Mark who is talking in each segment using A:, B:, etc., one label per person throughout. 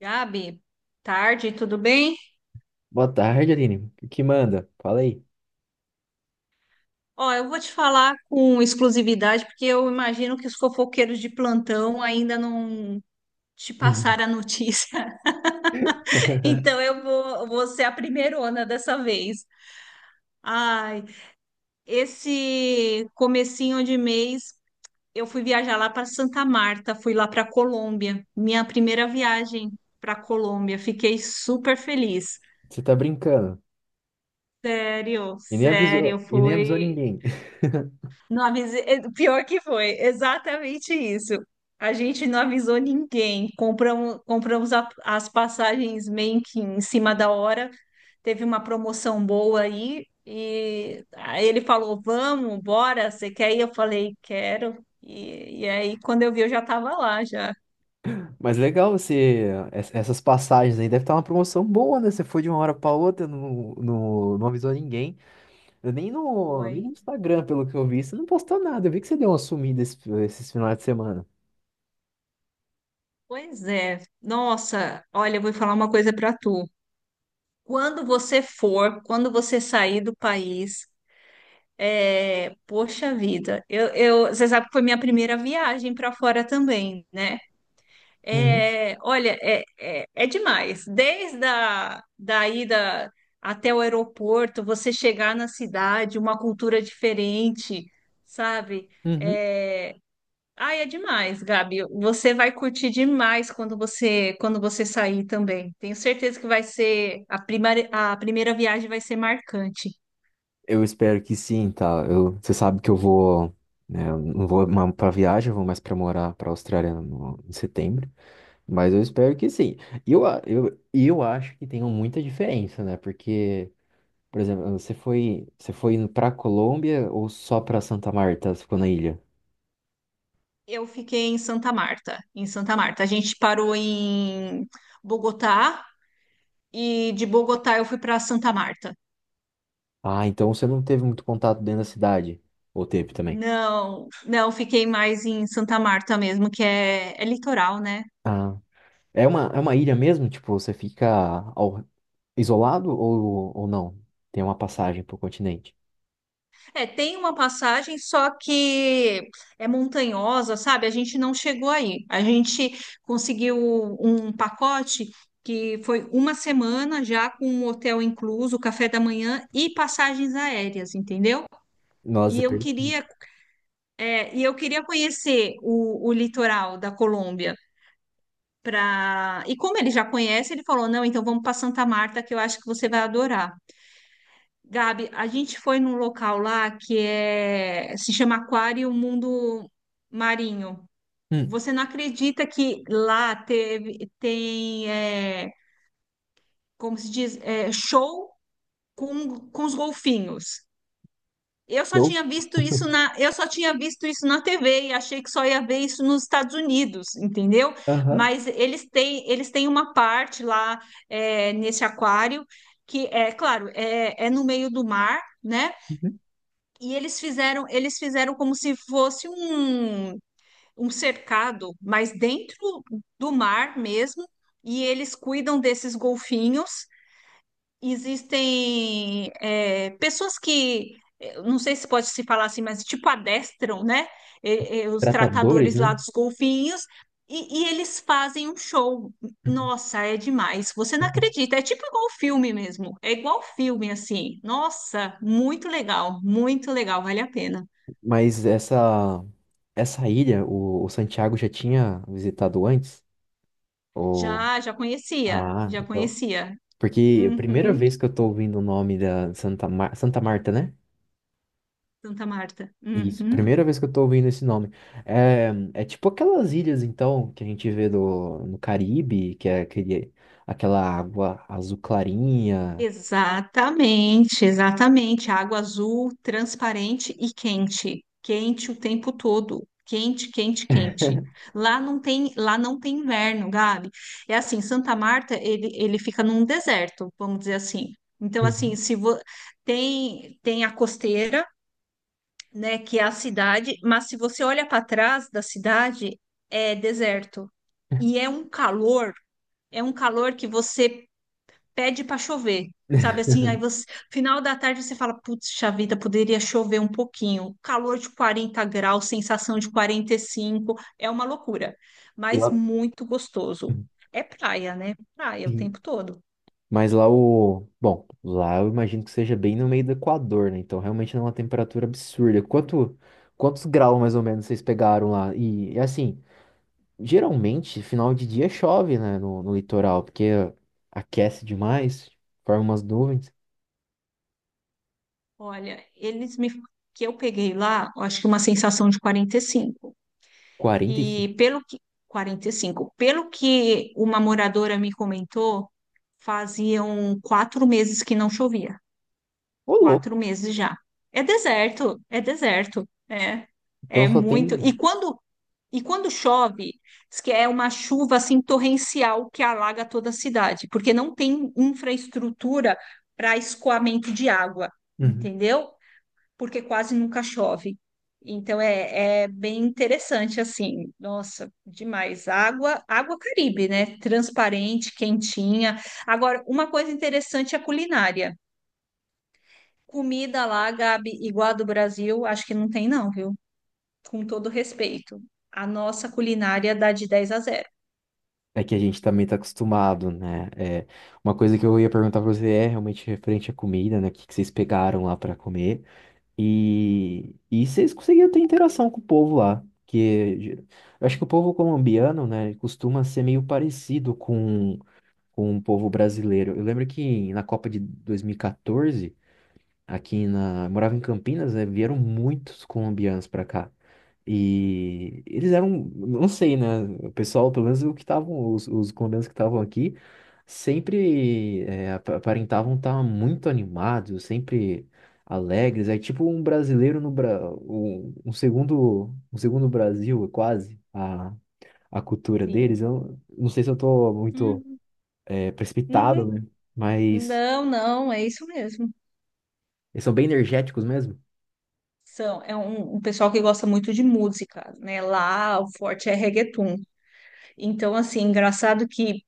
A: Gabi, tarde, tudo bem?
B: Boa tarde, Aline. O que manda? Fala aí.
A: Ó, eu vou te falar com exclusividade, porque eu imagino que os fofoqueiros de plantão ainda não te
B: Uhum.
A: passaram a notícia. Então eu vou ser a primeirona dessa vez. Ai, esse comecinho de mês eu fui viajar lá para Santa Marta, fui lá para Colômbia, minha primeira viagem para Colômbia. Fiquei super feliz.
B: Você tá brincando.
A: Sério, sério,
B: E nem avisou
A: foi.
B: ninguém.
A: Não avisei. É, pior que foi, exatamente isso. A gente não avisou ninguém. Compramos as passagens meio que em cima da hora. Teve uma promoção boa aí. E aí ele falou: vamos, bora, você quer ir? Eu falei: quero. E aí, quando eu vi, eu já estava lá, já.
B: Mas legal você. Essas passagens aí deve estar uma promoção boa, né? Você foi de uma hora pra outra, não avisou ninguém. Eu nem no
A: Foi.
B: Instagram, pelo que eu vi, você não postou nada. Eu vi que você deu uma sumida esses finais de semana.
A: Pois é. Nossa, olha, eu vou falar uma coisa para tu. Quando você sair do país, é, poxa vida, você sabe que foi minha primeira viagem para fora também, né?
B: Uhum.
A: É, olha, é demais. Desde a da ida até o aeroporto, você chegar na cidade, uma cultura diferente, sabe?
B: Uhum.
A: É, ai, é demais, Gabi. Você vai curtir demais quando você sair também. Tenho certeza que vai ser a primeira viagem vai ser marcante.
B: Eu espero que sim, tá? Eu, você sabe que eu vou. Né, eu não vou mais pra viagem, eu vou mais pra morar pra Austrália no, em setembro. Mas eu espero que sim. E Eu, a- eu, e eu acho que tem muita diferença, né? Porque, por exemplo, você foi indo pra Colômbia ou só pra Santa Marta? Você ficou na ilha?
A: Eu fiquei em Santa Marta, em Santa Marta. A gente parou em Bogotá e de Bogotá eu fui para Santa Marta.
B: Ah, então você não teve muito contato dentro da cidade. Ou teve também?
A: Não, não, fiquei mais em Santa Marta mesmo, que é litoral, né?
B: Ah. É uma ilha mesmo? Tipo, você fica ao- isolado ou não? Tem uma passagem pro continente.
A: É, tem uma passagem, só que é montanhosa, sabe? A gente não chegou aí. A gente conseguiu um pacote que foi uma semana já com um hotel incluso, café da manhã e passagens aéreas, entendeu?
B: Nossa,
A: E eu
B: per...
A: queria e eu queria conhecer o litoral da Colômbia pra... E como ele já conhece, ele falou: não, então vamos para Santa Marta, que eu acho que você vai adorar. Gabi, a gente foi num local lá que se chama Aquário Mundo Marinho.
B: Hum.
A: Você não acredita que lá teve, tem, como se diz, show com os golfinhos. Eu só
B: Show.
A: tinha visto isso na TV e achei que só ia ver isso nos Estados Unidos, entendeu?
B: Aham.
A: Mas eles têm uma parte lá, nesse aquário que é, claro, é no meio do mar, né? E eles fizeram como se fosse um cercado, mas dentro do mar mesmo. E eles cuidam desses golfinhos. Existem pessoas que, eu não sei se pode se falar assim, mas tipo adestram, né? E os
B: Tratadores,
A: tratadores lá
B: né?
A: dos golfinhos. E eles fazem um show. Nossa, é demais. Você não acredita. É tipo igual filme mesmo. É igual filme, assim. Nossa, muito legal. Muito legal. Vale a pena.
B: Mas essa, essa ilha, o Santiago já tinha visitado antes? Ou...
A: Já, já conhecia.
B: Ah,
A: Já
B: então.
A: conhecia.
B: Porque a primeira
A: Uhum.
B: vez que eu tô ouvindo o nome da Santa, Mar... Santa Marta, né?
A: Santa Marta.
B: Isso,
A: Uhum.
B: primeira vez que eu tô ouvindo esse nome. É tipo aquelas ilhas, então, que a gente vê no Caribe, que é aquele, aquela água azul clarinha.
A: Exatamente, exatamente. Água azul, transparente e quente. Quente o tempo todo. Quente, quente, quente. Lá não tem inverno, Gabi. É assim, Santa Marta, ele fica num deserto, vamos dizer assim. Então, assim,
B: Uhum.
A: se vo... tem a costeira, né, que é a cidade, mas se você olha para trás da cidade, é deserto. E é um calor que você pede para chover, sabe assim? Aí você, final da tarde, você fala, putz, vida, poderia chover um pouquinho. Calor de 40 graus, sensação de 45, é uma loucura,
B: E
A: mas
B: lá-
A: muito gostoso. É praia, né? Praia o
B: Sim.
A: tempo todo.
B: Mas lá o. Bom, lá eu imagino que seja bem no meio do Equador, né? Então realmente não é uma temperatura absurda. Quanto... Quantos graus mais ou menos vocês pegaram lá? Assim, geralmente final de dia chove, né? No litoral, porque aquece demais, forma umas nuvens.
A: Olha, eles me que eu peguei lá, eu acho que uma sensação de 45.
B: 45.
A: E cinco. E pelo que 45, pelo que uma moradora me comentou, faziam 4 meses que não chovia.
B: Ô, louco.
A: 4 meses já. É deserto, é deserto. É,
B: Então
A: é
B: só
A: muito.
B: tem.
A: E quando chove, diz que é uma chuva assim torrencial que alaga toda a cidade, porque não tem infraestrutura para escoamento de água,
B: Uhum.
A: entendeu? Porque quase nunca chove. Então é bem interessante assim. Nossa, demais. Água Caribe, né? Transparente, quentinha. Agora, uma coisa interessante é a culinária. Comida lá, Gabi, igual a do Brasil, acho que não tem não, viu? Com todo respeito. A nossa culinária dá de dez a zero.
B: É que a gente também tá acostumado, né? É, uma coisa que eu ia perguntar pra você é realmente referente à comida, né? O que que vocês pegaram lá pra comer? E vocês conseguiam ter interação com o povo lá. Eu acho que o povo colombiano, né, ele costuma ser meio parecido com o povo brasileiro. Eu lembro que na Copa de 2014 aqui na. Eu morava em Campinas, né? Vieram muitos colombianos pra cá. E eles eram, não sei, né? O pessoal, pelo menos o que estavam, os colombianos que estavam aqui, sempre é, aparentavam estar muito animados, sempre alegres. É tipo um brasileiro no Bra... um segundo Brasil, quase, a cultura deles.
A: Sim.
B: Eu não sei se eu tô muito
A: Uhum.
B: é, precipitado,
A: Uhum.
B: né? Mas
A: Não, não, é isso mesmo.
B: eles são bem energéticos mesmo.
A: É um pessoal que gosta muito de música, né? Lá o forte é reggaeton. Então, assim, engraçado que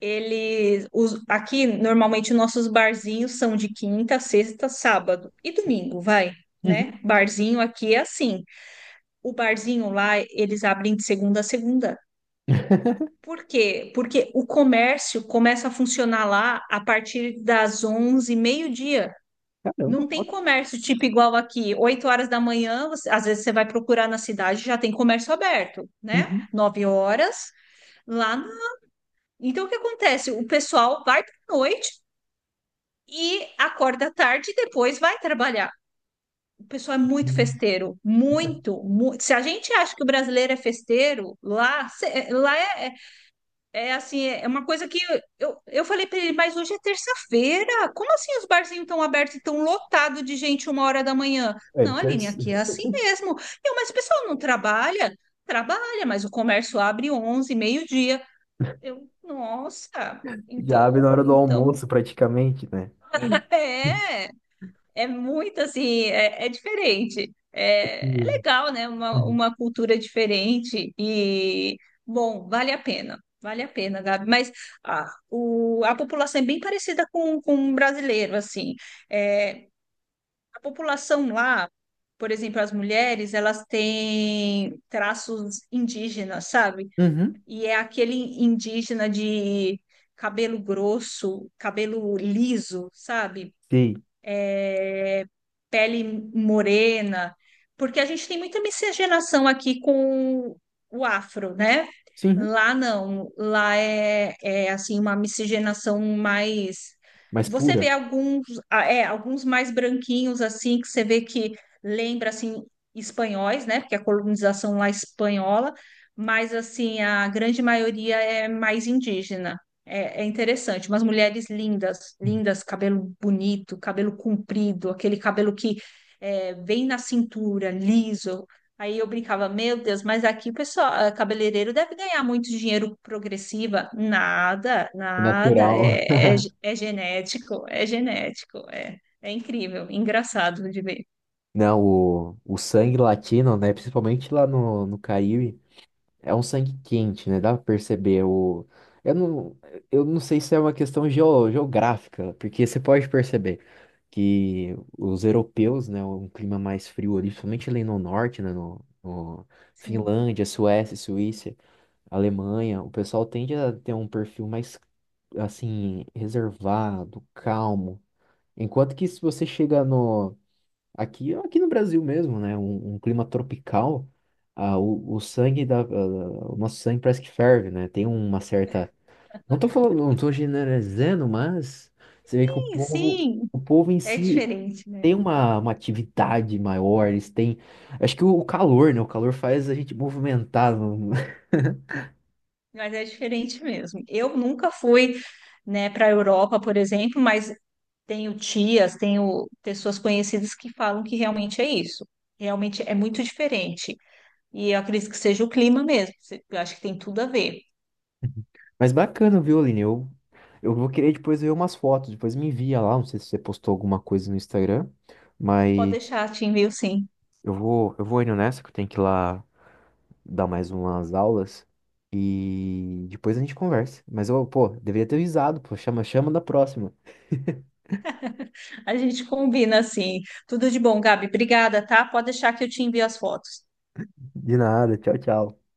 A: eles. Os, aqui, normalmente, nossos barzinhos são de quinta, sexta, sábado e domingo, vai, né?
B: Uhum.
A: Barzinho aqui é assim. O barzinho lá, eles abrem de segunda a segunda. Por quê? Porque o comércio começa a funcionar lá a partir das 11, meio-dia.
B: Caramba.
A: Não tem comércio tipo igual aqui, 8 horas da manhã, às vezes você vai procurar na cidade, já tem comércio aberto, né?
B: Uhum.
A: 9 horas lá. Então o que acontece? O pessoal vai para noite e acorda à tarde e depois vai trabalhar. O pessoal é muito festeiro, muito, muito. Se a gente acha que o brasileiro é festeiro, lá. É assim, é uma coisa que eu falei para ele, mas hoje é terça-feira. Como assim os barzinhos estão abertos e estão lotados de gente 1 hora da manhã?
B: É, ele
A: Não,
B: ter-
A: Aline, aqui é assim mesmo. Mas o pessoal não trabalha? Trabalha, mas o comércio abre 11 meio-dia. Nossa,
B: já abre na
A: então,
B: hora do
A: então,
B: almoço, praticamente, né? Uhum.
A: é. É muito assim, é diferente. É legal, né? Uma,
B: Uhum.
A: uma cultura diferente e, bom, vale a pena. Vale a pena, Gabi. Mas, ah, a população é bem parecida com o brasileiro, assim. É, a população lá, por exemplo, as mulheres, elas têm traços indígenas, sabe?
B: Uhum.
A: E é aquele indígena de cabelo grosso, cabelo liso, sabe?
B: Sim,
A: é, pele morena, porque a gente tem muita miscigenação aqui com o afro, né?
B: sim,
A: Lá não, lá é assim uma miscigenação mais.
B: mas
A: Você
B: pura,
A: vê alguns mais branquinhos assim que você vê que lembra assim espanhóis, né? Porque a colonização lá é espanhola, mas assim a grande maioria é mais indígena. É interessante, umas mulheres lindas,
B: uhum,
A: lindas, cabelo bonito, cabelo comprido, aquele cabelo que vem na cintura, liso. Aí eu brincava, meu Deus, mas aqui o pessoal, ah, cabeleireiro deve ganhar muito dinheiro progressiva. Nada, nada,
B: natural.
A: é, é, ge- é genético, é genético, é incrível, engraçado de ver.
B: Não, o sangue latino, né? Principalmente lá no Caribe, é um sangue quente, né? Dá pra perceber. O, eu não, eu não sei se é uma questão geográfica, porque você pode perceber. Que os europeus, né, um clima mais frio ali, principalmente ali no norte, né, no
A: Sim,
B: Finlândia, Suécia, Suíça, Alemanha, o pessoal tende a ter um perfil mais, assim, reservado, calmo. Enquanto que se você chega no, aqui, aqui no Brasil mesmo, né, um clima tropical, ah, o sangue da, ah, o nosso sangue parece que ferve, né, tem uma certa não tô falando, não tô generalizando, mas você vê que
A: sim, sim,
B: o povo em
A: é
B: si
A: diferente, né?
B: tem uma atividade maior, eles têm. Acho que o calor, né? O calor faz a gente movimentar. Não-
A: Mas é diferente mesmo. Eu nunca fui, né, para a Europa, por exemplo, mas tenho tias, tenho pessoas conhecidas que falam que realmente é isso. Realmente é muito diferente. E eu acredito que seja o clima mesmo. Eu acho que tem tudo a ver.
B: Mas bacana, viu, Aline? Eu vou querer depois ver umas fotos, depois me envia lá. Não sei se você postou alguma coisa no Instagram,
A: Pode
B: mas
A: deixar, te envio sim.
B: eu vou indo nessa, que eu tenho que ir lá dar mais umas aulas. E depois a gente conversa. Mas eu, pô, deveria ter avisado, pô, chama, chama da próxima.
A: A gente combina assim. Tudo de bom, Gabi. Obrigada, tá? Pode deixar que eu te envio as fotos.
B: De nada, tchau, tchau.